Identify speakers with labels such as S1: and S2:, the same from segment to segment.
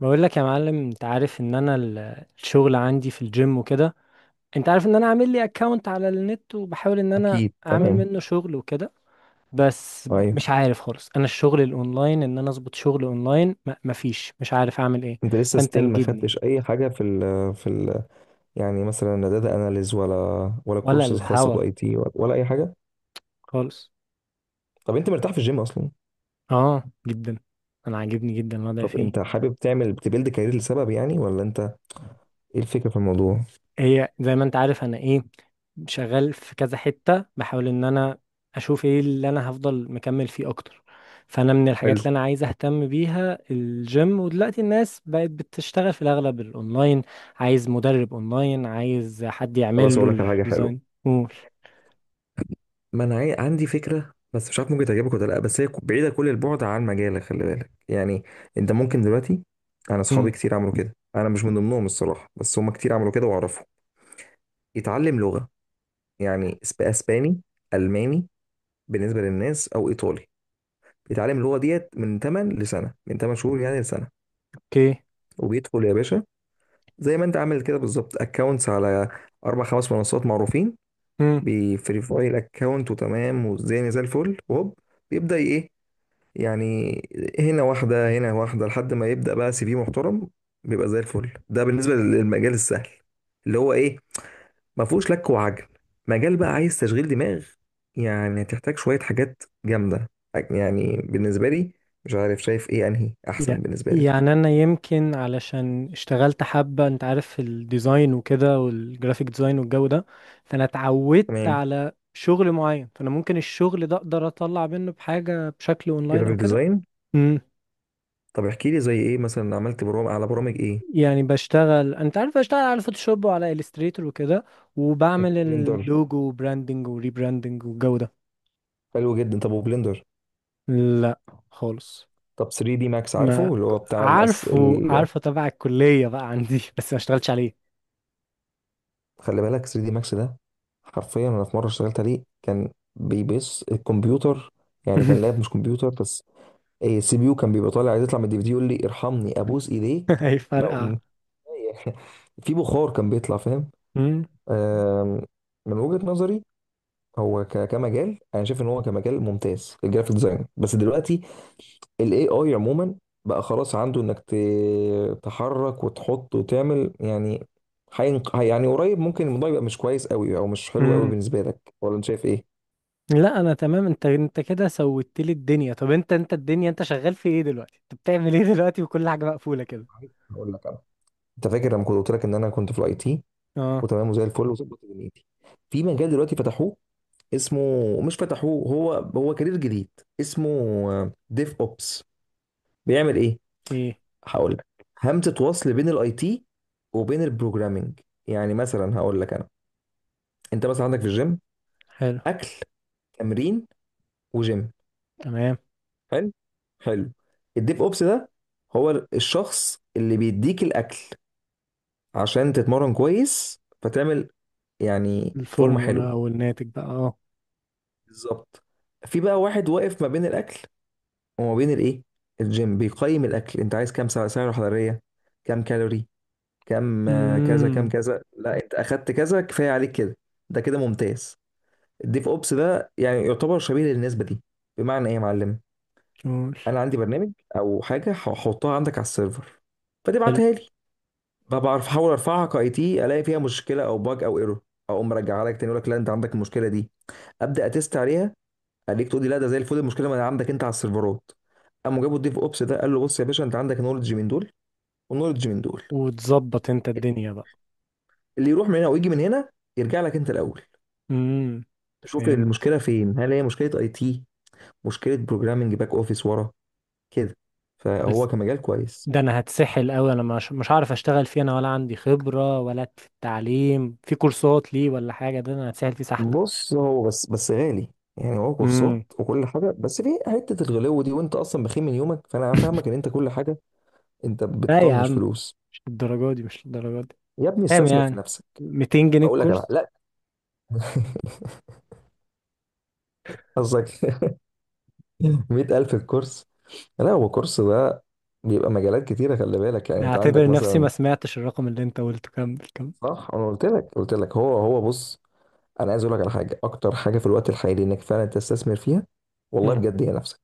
S1: بقول لك يا معلم، انت عارف ان انا الشغل عندي في الجيم وكده. انت عارف ان انا عامل لي اكونت على النت، وبحاول ان انا
S2: اكيد،
S1: اعمل
S2: تمام.
S1: منه شغل وكده. بس
S2: ايوه.
S1: مش عارف خالص، انا الشغل الاونلاين ان انا اظبط شغل اونلاين مفيش، مش عارف اعمل ايه.
S2: انت لسه
S1: فانت
S2: ستيل ما
S1: انجدني.
S2: خدتش اي حاجه في ال يعني مثلا لا داتا اناليز ولا
S1: ولا
S2: كورسز خاصه
S1: الهوا
S2: باي تي ولا اي حاجه؟
S1: خالص.
S2: طب انت مرتاح في الجيم اصلا؟
S1: اه، جدا. انا عاجبني جدا الوضع
S2: طب انت
S1: فيه.
S2: حابب تعمل تبيلد كارير لسبب يعني ولا انت؟ ايه الفكره في الموضوع؟
S1: هي زي ما انت عارف انا ايه، شغال في كذا حتة، بحاول ان انا اشوف ايه اللي انا هفضل مكمل فيه اكتر. فانا من الحاجات
S2: حلو.
S1: اللي انا عايز اهتم بيها الجيم، ودلوقتي الناس بقت بتشتغل في الاغلب الاونلاين. عايز مدرب اونلاين، عايز حد يعمل
S2: خلاص،
S1: له
S2: اقول لك على حاجه حلوه.
S1: الديزاين، قول.
S2: ما انا عاي- عندي فكره بس مش عارف ممكن تعجبك ولا لا، بس هي بعيده كل البعد عن مجالك، خلي بالك يعني. انت ممكن دلوقتي، انا
S1: مم.
S2: اصحابي كتير عملوا كده، انا مش من ضمنهم الصراحه بس هم كتير عملوا كده واعرفهم. يتعلم لغه، يعني اسباني، الماني، بالنسبه للناس، او ايطالي. بيتعلم اللغه ديت من 8 لسنه، من 8 شهور يعني لسنه.
S1: اوكي.
S2: وبيدخل يا باشا زي ما انت عامل كده بالظبط اكونتس على اربع خمس منصات معروفين، بيفيريفاي الاكونت وتمام والدنيا زي الفل. وهوب، بيبدا ايه يعني، هنا واحده هنا واحده لحد ما يبدا بقى سي في محترم، بيبقى زي الفل. ده بالنسبه للمجال السهل اللي هو ايه، ما فيهوش لك وعجل. مجال بقى عايز تشغيل دماغ، يعني هتحتاج شوية حاجات جامدة. يعني بالنسبة لي مش عارف، شايف ايه انهي
S1: يع-
S2: احسن بالنسبة لك؟
S1: يعني انا يمكن علشان اشتغلت حبة، انت عارف، في الديزاين وكده، والجرافيك ديزاين والجو ده. فانا اتعودت
S2: تمام،
S1: على شغل معين، فانا ممكن الشغل ده اقدر اطلع منه بحاجة بشكل اونلاين او
S2: جرافيك
S1: كده.
S2: ديزاين.
S1: امم.
S2: طب احكي لي زي ايه مثلا، عملت برامج على برامج ايه؟
S1: يعني بشتغل، انت عارف، بشتغل على فوتوشوب وعلى الستريتور وكده. وبعمل
S2: بلندر؟
S1: اللوجو وبراندنج وريبراندنج والجو ده.
S2: حلو جدا. طب وبلندر؟
S1: لا، خالص.
S2: طب 3 دي ماكس،
S1: ما
S2: عارفه اللي هو بتاع الأس...
S1: عارفه،
S2: ال...
S1: عارفه تبع الكلية بقى عندي، بس ما اشتغلتش عليه.
S2: خلي بالك 3 دي ماكس ده، حرفيا انا في مرة اشتغلت عليه كان بيبص الكمبيوتر، يعني كان لاب مش كمبيوتر بس، السي بي يو كان بيبقى طالع عايز يطلع من الدي في دي يقول لي ارحمني ابوس ايديك. ما-
S1: هيفرقع.
S2: م- في بخار كان بيطلع، فاهم. آم، من وجهة نظري، هو كمجال انا شايف ان هو كمجال ممتاز الجرافيك ديزاين، بس دلوقتي الاي اي عموما بقى خلاص عنده انك تحرك وتحط وتعمل يعني. يعني قريب ممكن الموضوع يبقى مش كويس قوي او مش حلو قوي
S1: مم.
S2: بالنسبه لك، ولا انت شايف ايه؟
S1: لا، انا تمام. انت كده سويت لي الدنيا. طب انت الدنيا، انت شغال في ايه دلوقتي؟ انت بتعمل ايه دلوقتي وكل حاجه مقفوله كده؟
S2: هقول لك انا، انت فاكر لما كنت قلت لك ان انا كنت في الاي تي
S1: اه.
S2: وتمام وزي الفل وظبط دنيتي؟ في مجال دلوقتي فتحوه، اسمه، مش فتحوه، هو كارير جديد، اسمه ديف اوبس. بيعمل ايه؟
S1: ايه.
S2: هقول لك. همزه وصل بين الاي تي وبين البروجرامينج. يعني مثلا هقول لك انا، انت مثلا عندك في الجيم
S1: حلو.
S2: اكل، تمرين، وجيم.
S1: تمام.
S2: حلو حلو. الديف اوبس ده هو الشخص اللي بيديك الاكل عشان تتمرن كويس، فتعمل يعني فورمه
S1: الفورمولا
S2: حلوه.
S1: او الناتج بقى، اه.
S2: بالظبط. في بقى واحد واقف ما بين الاكل وما بين الايه، الجيم. بيقيم الاكل، انت عايز كام سعره حراريه، كام كالوري، كام، كذا كام
S1: امم.
S2: كذا، لا انت اخدت كذا كفايه عليك كده، ده كده ممتاز. الديف اوبس بقى يعني يعتبر شبيه للنسبه دي. بمعنى ايه يا معلم؟
S1: قول.
S2: انا عندي برنامج او حاجه هحطها عندك على السيرفر،
S1: حلو.
S2: فتبعتها لي بقى، بعرف احاول ارفعها كاي تي، الاقي فيها مشكله او باج او ايرور، اقوم مرجعها لك تاني، يقول لك لا انت عندك المشكله دي، ابدا اتست عليها، خليك تقول لي لا ده زي الفل، المشكله ما عندك انت على السيرفرات. قاموا جابوا الديف اوبس ده، قال له بص يا باشا انت عندك نولج من دول ونولج من دول،
S1: وتظبط انت الدنيا بقى.
S2: اللي يروح من هنا ويجي من هنا، يرجع لك انت الاول
S1: امم.
S2: تشوف
S1: فهمت.
S2: المشكله فين، هل هي مشكله اي تي، مشكله بروجرامنج، باك اوفيس ورا كده.
S1: بس
S2: فهو كمجال كويس.
S1: ده انا هتسحل قوي، انا مش هعرف اشتغل فيه، انا ولا عندي خبره، ولا في التعليم في كورسات ليه، ولا حاجه، ده انا هتسحل فيه سحله.
S2: بص، هو بس غالي. يعني هو كورسات
S1: امم.
S2: وكل حاجه بس في حته الغلو دي، وانت اصلا بخيل من يومك فانا فاهمك ان انت كل حاجه، انت
S1: لا يا
S2: بتطنش
S1: عم،
S2: فلوس.
S1: مش للدرجه دي، مش للدرجه دي.
S2: يا ابني
S1: كام
S2: استثمر في
S1: يعني؟
S2: نفسك.
S1: 200 جنيه
S2: اقول لك على،
S1: الكورس؟
S2: لا. قصدك. 100,000 الكورس؟ لا هو كورس ده بيبقى مجالات كتيرة، خلي بالك يعني. أنت عندك
S1: اعتبر نفسي ما
S2: مثلا،
S1: سمعتش الرقم اللي انت قلته، كمل، كمل.
S2: صح؟ أنا قلت لك هو بص، أنا عايز أقول لك على حاجة أكتر حاجة في الوقت الحالي إنك فعلا تستثمر فيها، والله
S1: مم.
S2: بجد، هي نفسك.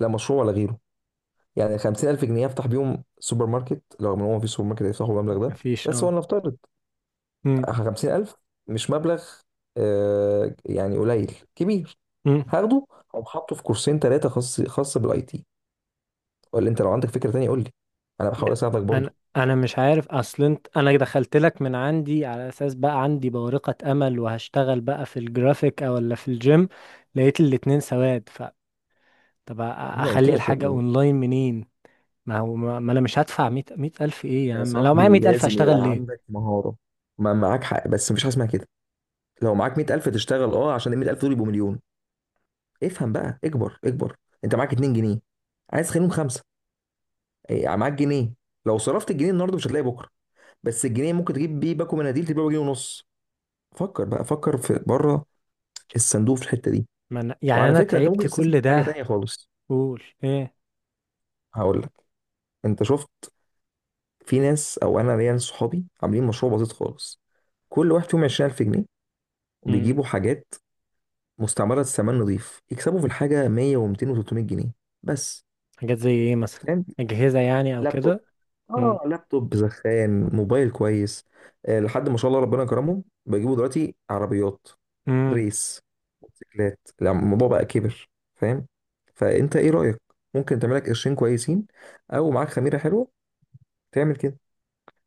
S2: لا مشروع ولا غيره. يعني 50,000 جنيه أفتح بيهم سوبر ماركت، لو إن هو مفيش سوبر ماركت هيفتحوا المبلغ ده،
S1: مفيش،
S2: بس هو
S1: اه.
S2: نفترض.
S1: مم.
S2: 50,000 مش مبلغ، آه يعني قليل كبير.
S1: مم.
S2: هاخده أو حاطه في كورسين ثلاثة، خاص خاص بالأي تي. ولا أنت لو عندك فكرة تانية قول لي، أنا بحاول
S1: يا.
S2: أساعدك
S1: انا
S2: برضه.
S1: انا مش عارف، اصل انت، انا دخلت لك من عندي على اساس بقى عندي بورقة امل، وهشتغل بقى في الجرافيك، او ولا في الجيم. لقيت الاتنين سواد، ف طب
S2: انا قلت
S1: اخلي
S2: لك يا
S1: الحاجة
S2: ابني،
S1: اونلاين منين؟ ما هو، ما انا مش هدفع مية الف ايه يا
S2: يا
S1: عم؟ أنا لو
S2: صاحبي
S1: معايا 100,000
S2: لازم
S1: هشتغل
S2: يبقى
S1: ليه؟
S2: عندك مهارة. ما معاك حق بس مفيش حاجة اسمها كده. لو معاك 100,000 تشتغل، اه، عشان ال 100,000 دول يبقوا مليون. افهم بقى، اكبر اكبر. انت معاك 2 جنيه عايز تخليهم خمسة. إيه، يعني معاك جنيه، لو صرفت الجنيه النهارده مش هتلاقي بكرة، بس الجنيه ممكن تجيب بيه باكو مناديل تبيعه بجنيه ونص. فكر بقى، فكر في بره الصندوق في الحتة دي.
S1: ما أنا، يعني
S2: وعلى
S1: انا
S2: فكرة انت ممكن
S1: تعبت
S2: تستثمر
S1: كل
S2: في حاجة تانية
S1: ده.
S2: خالص.
S1: قول ايه؟
S2: هقول لك. انت شفت، في ناس، او انا ليا ناس صحابي عاملين مشروع بسيط خالص، كل واحد فيهم 20,000 جنيه، وبيجيبوا حاجات مستعمرة، سامان نظيف، يكسبوا في الحاجة 100 و200 و300 جنيه بس.
S1: حاجات زي ايه مثلا؟
S2: فاهم؟
S1: اجهزة يعني او
S2: لابتوب،
S1: كده؟ امم.
S2: اه لابتوب زخان، موبايل كويس. آه، لحد ما شاء الله ربنا كرمهم بيجيبوا دلوقتي عربيات،
S1: امم.
S2: ريس، موتوسيكلات، لا، الموضوع بقى كبر، فاهم. فانت ايه رأيك؟ ممكن تعمل لك قرشين كويسين، او معاك خميرة حلوة تعمل كده.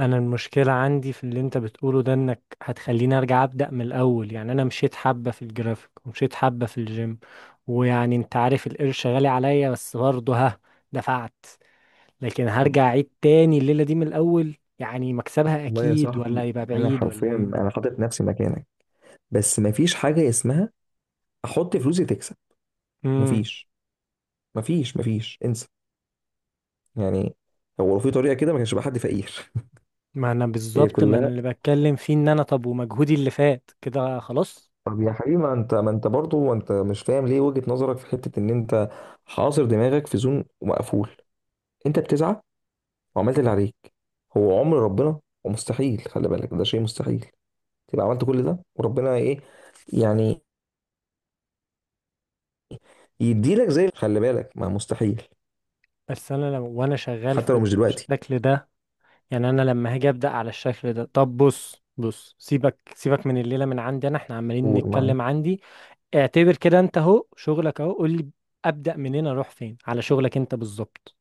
S1: انا المشكلة عندي في اللي انت بتقوله ده، انك هتخليني ارجع ابدأ من الاول، يعني انا مشيت حبة في الجرافيك، ومشيت حبة في الجيم. ويعني انت عارف القرش غالي عليا، بس برضه ها، دفعت. لكن
S2: طب
S1: هرجع اعيد تاني الليلة دي من الاول، يعني مكسبها
S2: والله يا
S1: اكيد ولا
S2: صاحبي،
S1: هيبقى
S2: انا
S1: بعيد ولا
S2: حرفيا
S1: ايه؟
S2: انا حاطط نفسي مكانك، بس مفيش حاجة اسمها احط فلوسي تكسب.
S1: امم.
S2: مفيش. مفيش انسى. يعني هو لو في طريقه كده ما كانش بقى حد فقير.
S1: ما انا
S2: هي
S1: بالظبط، ما أنا
S2: كلها.
S1: اللي بتكلم فيه ان انا، طب ومجهودي اللي فات كده خلاص.
S2: طب يا حبيبي، ما انت ما انت برضه ما انت مش فاهم ليه، وجهه نظرك في حته ان انت حاصر دماغك في زون مقفول. انت بتسعى وعملت اللي عليك، هو عمر ربنا ومستحيل، خلي بالك ده شيء مستحيل، تبقى عملت كل ده وربنا ايه، يعني يديلك زي، خلي بالك ما مستحيل،
S1: بس انا لو وانا شغال
S2: حتى لو
S1: في
S2: مش دلوقتي.
S1: الشكل ده، يعني انا لما هاجي ابدا على الشكل ده. طب بص بص، سيبك سيبك من الليله، من عندي انا، احنا عمالين
S2: قول معايا.
S1: نتكلم عندي. اعتبر كده انت اهو شغلك اهو، قول لي ابدا منين، اروح فين على شغلك انت بالظبط.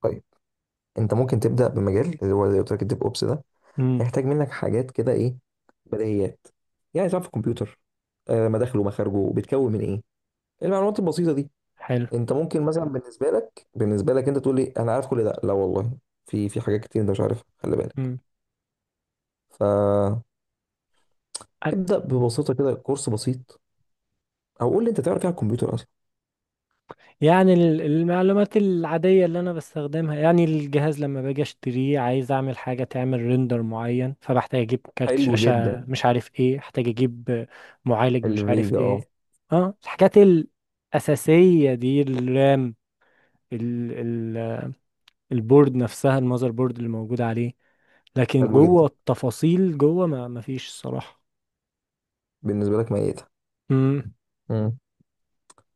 S2: طيب، انت ممكن تبدا بمجال اللي هو زي ما قلت لك الديف اوبس ده،
S1: امم.
S2: هيحتاج منك حاجات كده، ايه، بديهيات. يعني تعرف الكمبيوتر، آه، مداخله مخارجه بيتكون من ايه، المعلومات البسيطه دي.
S1: حلو.
S2: انت ممكن مثلا بالنسبه لك انت تقول لي انا عارف كل ده، لا والله في حاجات كتير انت مش عارفها خلي بالك.
S1: امم.
S2: فابدا ببساطه كده كورس بسيط، او قول لي انت تعرف ايه على الكمبيوتر اصلا.
S1: يعني المعلومات العاديه اللي انا بستخدمها، يعني الجهاز لما باجي اشتريه عايز اعمل حاجه تعمل ريندر معين، فبحتاج اجيب كارت
S2: حلو
S1: شاشه،
S2: جدا.
S1: مش عارف ايه احتاج اجيب، معالج، مش عارف
S2: الفيجا، اه.
S1: ايه. اه، الحاجات الاساسيه دي، الرام، ال ال البورد نفسها، المذر بورد اللي موجود عليه. لكن
S2: حلو جدا.
S1: جوه التفاصيل جوه، ما فيش الصراحة.
S2: بالنسبه لك ميتها.
S1: امم.
S2: امم.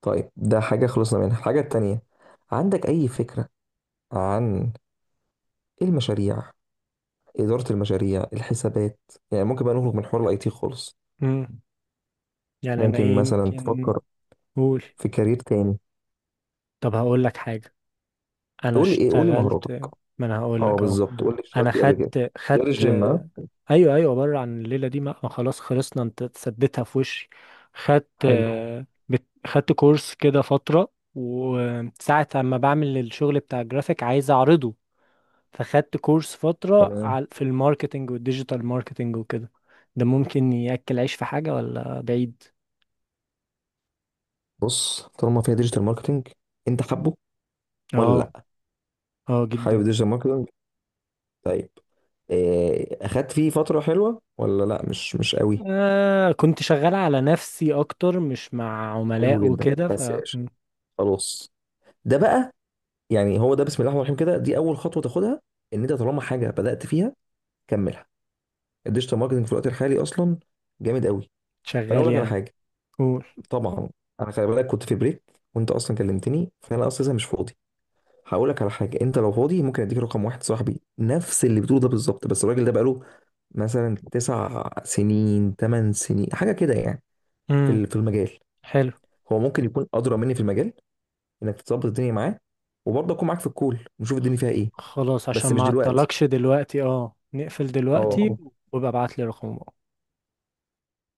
S2: طيب، ده حاجه خلصنا منها، الحاجه التانيه، عندك اي فكره عن المشاريع؟ إدارة المشاريع، الحسابات. يعني ممكن بقى نخرج من حوار الاي تي خالص،
S1: امم. يعني انا
S2: ممكن
S1: ايه
S2: مثلا
S1: يمكن.
S2: تفكر
S1: قول.
S2: في كارير تاني.
S1: طب هقول لك حاجة، انا
S2: تقول لي ايه؟ قول لي
S1: اشتغلت.
S2: مهاراتك.
S1: ما انا هقول
S2: اه
S1: لك اهو.
S2: بالظبط، قول لي
S1: انا
S2: اشتغلت ايه قبل كده،
S1: خدت
S2: غير
S1: خدت
S2: الجيم، ها.
S1: ايوه، ايوه، بره عن الليلة دي، ما خلاص، خلصنا، انت سديتها في وشي. خدت.
S2: حلو.
S1: خدت كورس كده فترة، وساعة اما بعمل الشغل بتاع الجرافيك عايز اعرضه، فخدت كورس فترة
S2: تمام.
S1: في الماركتينج والديجيتال ماركتينج وكده. ده ممكن يأكل عيش في حاجة ولا بعيد؟
S2: بص، طالما فيها ديجيتال ماركتنج، انت حابه ولا
S1: اه.
S2: لا؟
S1: اه، جدا.
S2: حابب ديجيتال ماركتنج، طيب. إيه، اخدت فيه فترة حلوة ولا لا؟ مش قوي.
S1: آه، كنت شغال على نفسي اكتر، مش مع
S2: حلو
S1: عملاء
S2: جدا
S1: وكده، ف.
S2: بس يا باشا.
S1: م،
S2: خلاص، ده بقى، يعني هو ده بسم الله الرحمن الرحيم كده، دي اول خطوة تاخدها، ان انت طالما حاجة بدأت فيها كملها. الديجيتال ماركتنج في الوقت الحالي اصلا جامد قوي. فانا
S1: شغال
S2: اقول لك على
S1: يعني.
S2: حاجه.
S1: قول.
S2: طبعا، انا خلي بالك كنت في بريك وانت اصلا كلمتني فانا اصلا مش فاضي. هقول لك على حاجه، انت لو فاضي ممكن اديك رقم واحد صاحبي نفس اللي بتقوله ده بالظبط، بس الراجل ده بقاله مثلا 9 سنين، 8 سنين، حاجه كده يعني
S1: امم.
S2: في المجال.
S1: حلو.
S2: هو ممكن يكون ادرى مني في المجال انك تظبط الدنيا معاه، وبرضه اكون معاك في الكول ونشوف الدنيا فيها ايه.
S1: خلاص، عشان
S2: بس مش
S1: ما
S2: دلوقتي،
S1: اعطلكش دلوقتي، اه، نقفل دلوقتي،
S2: اه.
S1: وابقى ابعت لي رقمك.